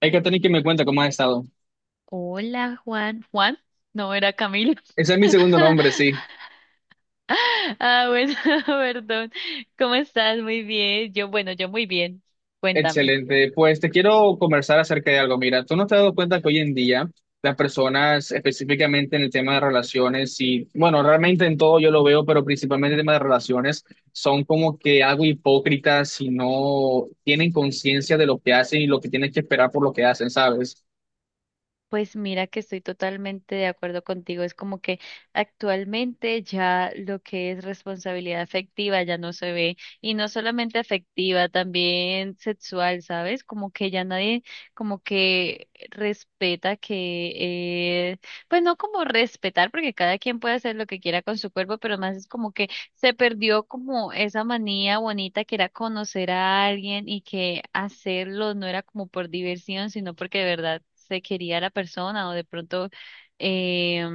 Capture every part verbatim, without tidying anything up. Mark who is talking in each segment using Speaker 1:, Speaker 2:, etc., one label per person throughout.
Speaker 1: Hay que tener que me cuenta cómo has estado.
Speaker 2: Hola, Juan. Juan, no era Camilo.
Speaker 1: Ese es mi segundo nombre, sí.
Speaker 2: Ah, bueno, perdón. ¿Cómo estás? Muy bien. Yo, bueno, yo muy bien. Cuéntame.
Speaker 1: Excelente. Pues te quiero conversar acerca de algo. Mira, tú no te has dado cuenta que hoy en día las personas, específicamente en el tema de relaciones, y bueno, realmente en todo yo lo veo, pero principalmente en el tema de relaciones, son como que algo hipócritas y no tienen conciencia de lo que hacen y lo que tienen que esperar por lo que hacen, ¿sabes?
Speaker 2: Pues mira que estoy totalmente de acuerdo contigo. Es como que actualmente ya lo que es responsabilidad afectiva ya no se ve. Y no solamente afectiva, también sexual, ¿sabes? Como que ya nadie como que respeta que, eh, pues no como respetar, porque cada quien puede hacer lo que quiera con su cuerpo, pero más es como que se perdió como esa manía bonita que era conocer a alguien y que hacerlo no era como por diversión, sino porque de verdad se quería a la persona o de pronto, eh,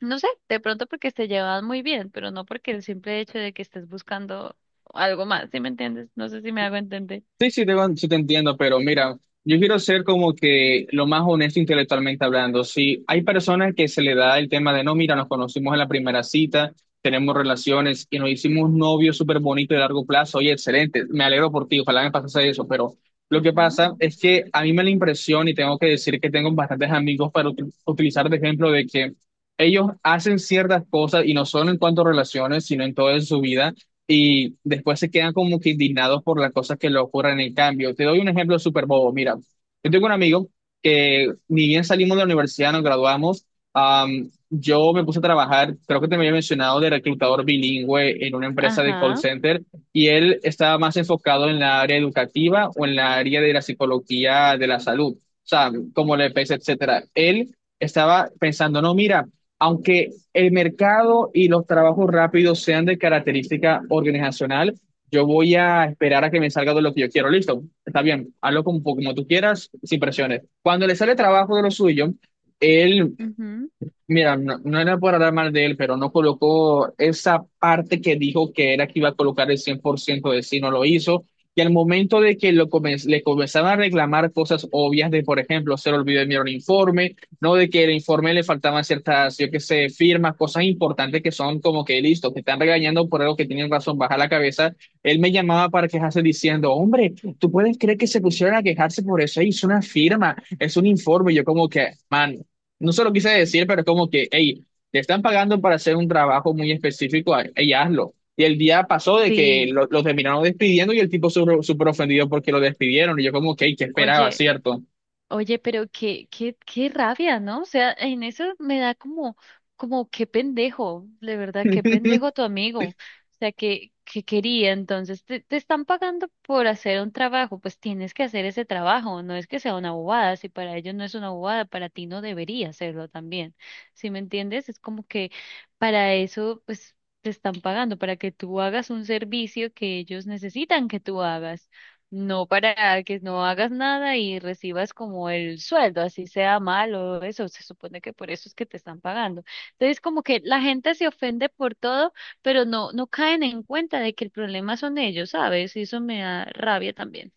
Speaker 2: no sé, de pronto porque se llevaban muy bien, pero no porque el simple hecho de que estés buscando algo más. ¿Sí me entiendes? No sé si me hago entender.
Speaker 1: Sí, sí te, sí te entiendo, pero mira, yo quiero ser como que lo más honesto intelectualmente hablando. Si hay personas que se le da el tema de, no, mira, nos conocimos en la primera cita, tenemos relaciones y nos hicimos novios súper bonitos de largo plazo, oye, excelente, me alegro por ti, ojalá me pasase eso, pero lo que
Speaker 2: Ujú.
Speaker 1: pasa es que a mí me da la impresión y tengo que decir que tengo bastantes amigos para util- utilizar de ejemplo de que ellos hacen ciertas cosas y no solo en cuanto a relaciones, sino en toda su vida y después se quedan como que indignados por las cosas que le ocurren en el cambio. Te doy un ejemplo súper bobo. Mira, yo tengo un amigo que ni bien salimos de la universidad, nos graduamos, am, yo me puse a trabajar, creo que te me había mencionado, de reclutador bilingüe en una empresa de call
Speaker 2: Ajá.
Speaker 1: center y él estaba más enfocado en la área educativa o en la área de la psicología de la salud, o sea, como la EPS, etcétera. Él estaba pensando, no, mira, aunque el mercado y los trabajos rápidos sean de característica organizacional, yo voy a esperar a que me salga de lo que yo quiero. Listo, está bien, hazlo como, como tú quieras, sin presiones. Cuando le sale trabajo de lo suyo, él.
Speaker 2: Ujú.
Speaker 1: Mira, no, no era por hablar mal de él, pero no colocó esa parte que dijo que era que iba a colocar el cien por ciento de sí, no lo hizo. Y al momento de que lo comen- le comenzaban a reclamar cosas obvias de, por ejemplo, se le olvidó enviar un informe, no de que el informe le faltaban ciertas, yo qué sé, firmas, cosas importantes que son como que listo, te están regañando por algo que tienen razón, baja la cabeza. Él me llamaba para quejarse diciendo, hombre, ¿tú puedes creer que se pusieron a quejarse por eso? Es una firma, es un informe. Y yo como que, man, no se lo quise decir, pero es como que, hey, te están pagando para hacer un trabajo muy específico, hey, hazlo. Y el día pasó de que
Speaker 2: Sí.
Speaker 1: lo, lo terminaron despidiendo y el tipo súper súper ofendido porque lo despidieron. Y yo como, ok, ¿qué esperaba,
Speaker 2: Oye.
Speaker 1: cierto?
Speaker 2: Oye, pero qué, qué, qué rabia, ¿no? O sea, en eso me da como, como qué pendejo, de verdad, qué pendejo tu amigo. O sea, que, que quería, entonces, te, te están pagando por hacer un trabajo, pues tienes que hacer ese trabajo, no es que sea una bobada, si para ellos no es una bobada, para ti no debería hacerlo también. ¿Sí me entiendes? Es como que para eso, pues, te están pagando, para que tú hagas un servicio que ellos necesitan que tú hagas. No para que no hagas nada y recibas como el sueldo, así sea malo, eso se supone que por eso es que te están pagando. Entonces, como que la gente se ofende por todo, pero no, no caen en cuenta de que el problema son ellos, ¿sabes? Y eso me da rabia también.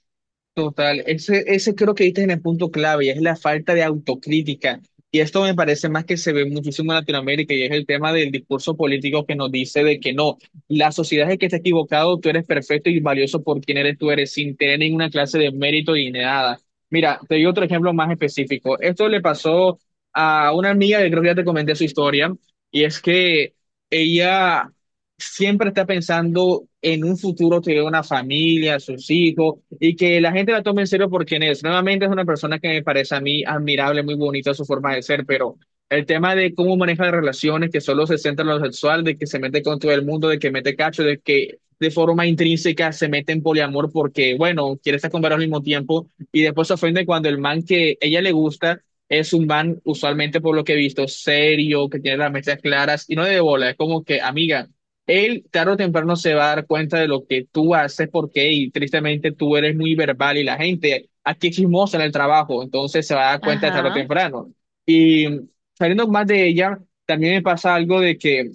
Speaker 1: Total, ese, ese creo que diste en el punto clave y es la falta de autocrítica. Y esto me parece más que se ve muchísimo en Latinoamérica y es el tema del discurso político que nos dice de que no, la sociedad es el que está equivocado, tú eres perfecto y valioso por quien eres tú eres, sin tener ninguna clase de mérito y nada. Mira, te doy otro ejemplo más específico. Esto le pasó a una amiga que creo que ya te comenté su historia y es que ella siempre está pensando en un futuro, tener una familia, sus hijos, y que la gente la tome en serio por quien es. Nuevamente es una persona que me parece a mí admirable, muy bonita su forma de ser, pero el tema de cómo maneja las relaciones, que solo se centra en lo sexual, de que se mete con todo el mundo, de que mete cacho, de que de forma intrínseca se mete en poliamor porque, bueno, quiere estar con varios al mismo tiempo, y después se ofende cuando el man que ella le gusta... Es un man, usualmente por lo que he visto, serio, que tiene las metas claras y no de bola. Es como que, amiga, él tarde o temprano se va a dar cuenta de lo que tú haces porque y tristemente tú eres muy verbal y la gente aquí es chismosa en el trabajo, entonces se va a dar cuenta tarde o
Speaker 2: Ajá,
Speaker 1: temprano. Y saliendo más de ella, también me pasa algo de que,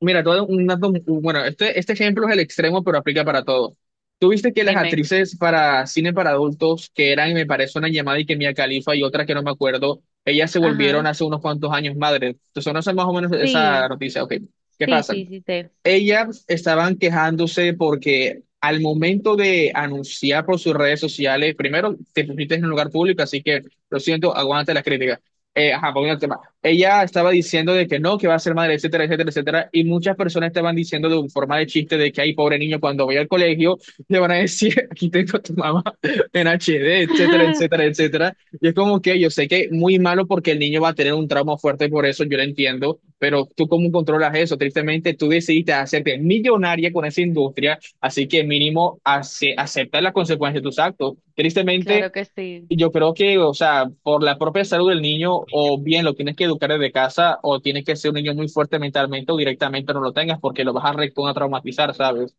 Speaker 1: mira, todo un dato, bueno, este, este ejemplo es el extremo, pero aplica para todo. Tú viste que las
Speaker 2: dime.
Speaker 1: actrices para cine para adultos, que eran, me parece, una llamada y que Mia Khalifa y otra que no me acuerdo, ellas se volvieron
Speaker 2: Ajá.
Speaker 1: hace unos cuantos años madres. Entonces, no sé más o menos esa
Speaker 2: Sí,
Speaker 1: noticia, ok. ¿Qué
Speaker 2: sí,
Speaker 1: pasa?
Speaker 2: sí, sí, sé.
Speaker 1: Ellas estaban quejándose porque al momento de anunciar por sus redes sociales, primero te pusiste en un lugar público, así que lo siento, aguanta las críticas. Eh, ajá, volviendo al tema. Ella estaba diciendo de que no, que va a ser madre, etcétera, etcétera, etcétera, y muchas personas estaban diciendo de forma de chiste de que hay pobre niño cuando vaya al colegio le van a decir, aquí tengo a tu mamá en H D, etcétera, etcétera, etcétera. Y es como que yo sé que muy malo porque el niño va a tener un trauma fuerte por eso, yo lo entiendo, pero ¿tú cómo controlas eso? Tristemente, tú decidiste hacerte millonaria con esa industria, así que mínimo ace- acepta las consecuencias de tus actos. Tristemente,
Speaker 2: Claro que sí.
Speaker 1: yo creo que, o sea, por la propia salud del niño, o bien lo tienes que educar desde casa, o tienes que ser un niño muy fuerte mentalmente, o directamente no lo tengas porque lo vas a recontra traumatizar, ¿sabes?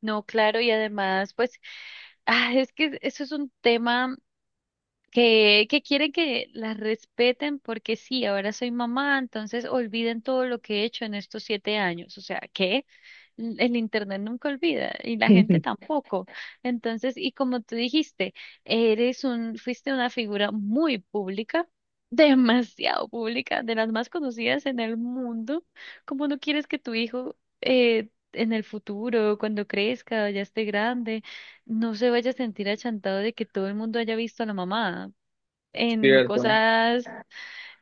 Speaker 2: No, claro, y además, pues, ah, es que eso es un tema. que, que quieren que las respeten porque sí, ahora soy mamá, entonces olviden todo lo que he hecho en estos siete años. O sea, que el el internet nunca olvida y la gente tampoco. Entonces, y como tú dijiste, eres un, fuiste una figura muy pública. Demasiado pública, de las más conocidas en el mundo. ¿Cómo no quieres que tu hijo eh, en el futuro, cuando crezca, ya esté grande, no se vaya a sentir achantado de que todo el mundo haya visto a la mamá, en
Speaker 1: Cierto.
Speaker 2: cosas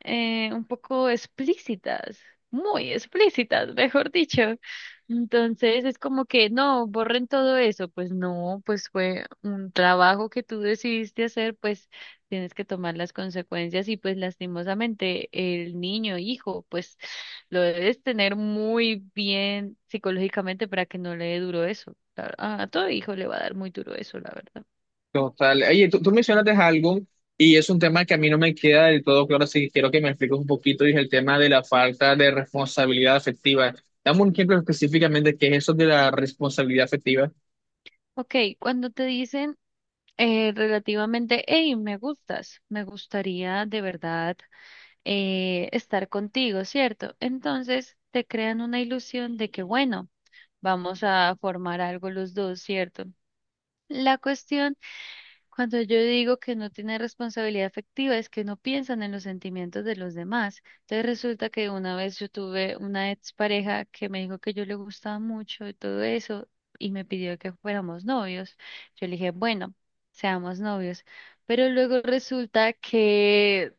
Speaker 2: eh, un poco explícitas, muy explícitas, mejor dicho? Entonces es como que no, borren todo eso. Pues no, pues fue un trabajo que tú decidiste hacer, pues tienes que tomar las consecuencias y pues lastimosamente el niño, hijo, pues lo debes tener muy bien psicológicamente para que no le dé duro eso. La- A a todo hijo le va a dar muy duro eso, la verdad.
Speaker 1: Total. Oye, tú, tú mencionaste algo y es un tema que a mí no me queda del todo claro, así que quiero que me expliques un poquito, y es el tema de la falta de responsabilidad afectiva. Dame un ejemplo específicamente qué es eso de la responsabilidad afectiva.
Speaker 2: Ok, cuando te dicen eh, relativamente, hey, me gustas, me gustaría de verdad eh, estar contigo, ¿cierto? Entonces te crean una ilusión de que, bueno, vamos a formar algo los dos, ¿cierto? La cuestión, cuando yo digo que no tiene responsabilidad afectiva, es que no piensan en los sentimientos de los demás. Entonces resulta que una vez yo tuve una expareja que me dijo que yo le gustaba mucho y todo eso, y me pidió que fuéramos novios. Yo le dije, bueno, seamos novios. Pero luego resulta que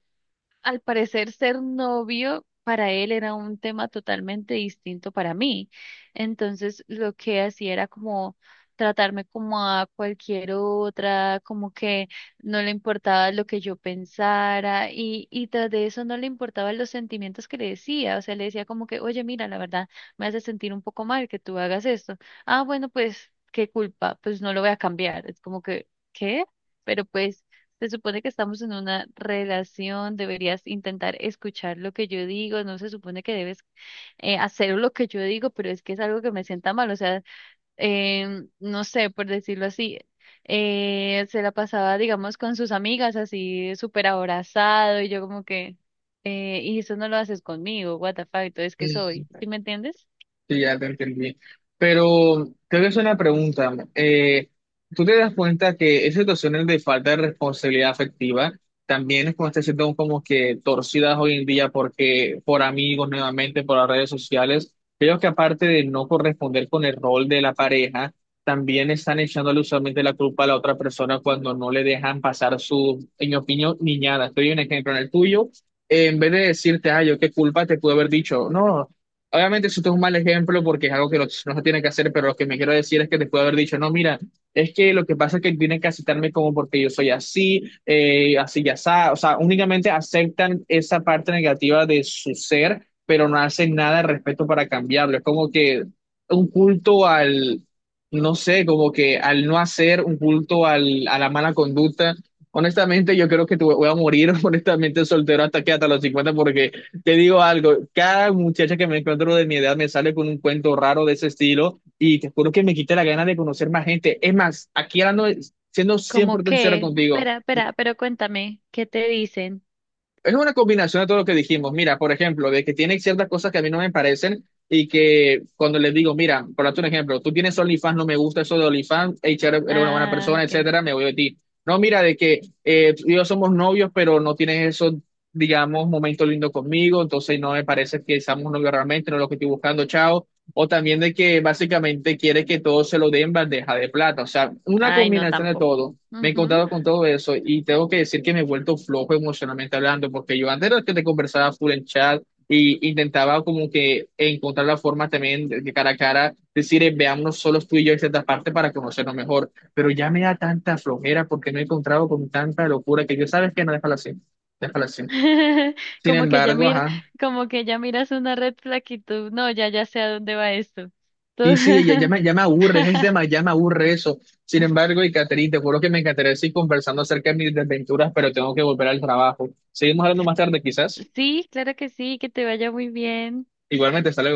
Speaker 2: al parecer ser novio para él era un tema totalmente distinto para mí. Entonces lo que hacía era como tratarme como a cualquier otra, como que no le importaba lo que yo pensara y, y tras de eso no le importaban los sentimientos que le decía. O sea, le decía como que, oye, mira, la verdad me hace sentir un poco mal que tú hagas esto. Ah, bueno, pues, ¿qué culpa? Pues no lo voy a cambiar. Es como que, ¿qué? Pero pues... Se supone que estamos en una relación, deberías intentar escuchar lo que yo digo, no se supone que debes eh, hacer lo que yo digo, pero es que es algo que me sienta mal, o sea, em, no sé, por decirlo así, eh, se la pasaba, digamos, con sus amigas así súper abrazado y yo como que, eh, y eso no lo haces conmigo, what the fuck, entonces que soy, ¿sí me entiendes?
Speaker 1: Sí, ya te entendí. Pero te voy a hacer una pregunta. Eh, ¿tú te das cuenta que esas situaciones de falta de responsabilidad afectiva también es como este siendo como que torcidas hoy en día porque por amigos nuevamente, por las redes sociales, creo que aparte de no corresponder con el rol de la pareja, también están echándole usualmente la culpa a la otra persona cuando no le dejan pasar su, en mi opinión, niñada? Estoy un ejemplo en el tuyo. eh, En vez de decirte, ay, yo qué culpa te pude haber dicho, no. Obviamente, esto es un mal ejemplo porque es algo que los- no se tiene que hacer, pero lo que me quiero decir es que te puedo haber dicho, no, mira, es que lo que pasa es que tienen que aceptarme como porque yo soy así, eh, así ya está. O sea, únicamente aceptan esa parte negativa de su ser, pero no hacen nada al respecto para cambiarlo. Es como que un culto al, no sé, como que al no hacer, un culto al, a la mala conducta. Honestamente, yo creo que te voy voy a morir, honestamente, soltero hasta que hasta los cincuenta porque te digo algo, cada muchacha que me encuentro de mi edad me sale con un cuento raro de ese estilo y te juro que me quita la gana de conocer más gente. Es más, aquí hablando, siendo cien por
Speaker 2: Como
Speaker 1: ciento sincero
Speaker 2: que,
Speaker 1: contigo,
Speaker 2: espera, espera, pero cuéntame, ¿qué te dicen?
Speaker 1: es una combinación de todo lo que dijimos. Mira, por ejemplo, de que tiene ciertas cosas que a mí no me parecen y que cuando les digo, mira, por darte un ejemplo, tú tienes OnlyFans, no me gusta eso de OnlyFans, hey, chévere, eres una buena
Speaker 2: Ah,
Speaker 1: persona,
Speaker 2: ok.
Speaker 1: etcétera, me voy de ti. No, mira, de que eh, tú y yo somos novios, pero no tienes esos, digamos, momentos lindos conmigo, entonces no me parece que seamos novios realmente, no es lo que estoy buscando, chao. O también de que básicamente quiere que todo se lo den bandeja de plata. O sea, una
Speaker 2: Ay, no,
Speaker 1: combinación de
Speaker 2: tampoco.
Speaker 1: todo. Me he
Speaker 2: Ujú.
Speaker 1: encontrado con todo eso y tengo que decir que me he vuelto flojo emocionalmente hablando, porque yo antes era el que te conversaba full en chat y intentaba como que encontrar la forma también de de cara a cara, decir, eh, veámonos solos tú y yo en cierta parte para conocernos mejor, pero ya me da tanta flojera porque me he encontrado con tanta locura que yo sabes que no, déjala así, déjala así. Sin
Speaker 2: Como que ya
Speaker 1: embargo,
Speaker 2: mira,
Speaker 1: ajá.
Speaker 2: como que ya miras una red flag y tú, no, ya, ya sé a dónde va esto. Tú-
Speaker 1: Sí, sí, ya, ya me, ya me aburre, es tema, ya me aburre eso. Sin embargo, y Caterina, te juro que me encantaría seguir conversando acerca de mis desventuras, pero tengo que volver al trabajo. Seguimos hablando más tarde, quizás.
Speaker 2: Sí, claro que sí, que te vaya muy bien.
Speaker 1: Igualmente, hasta luego.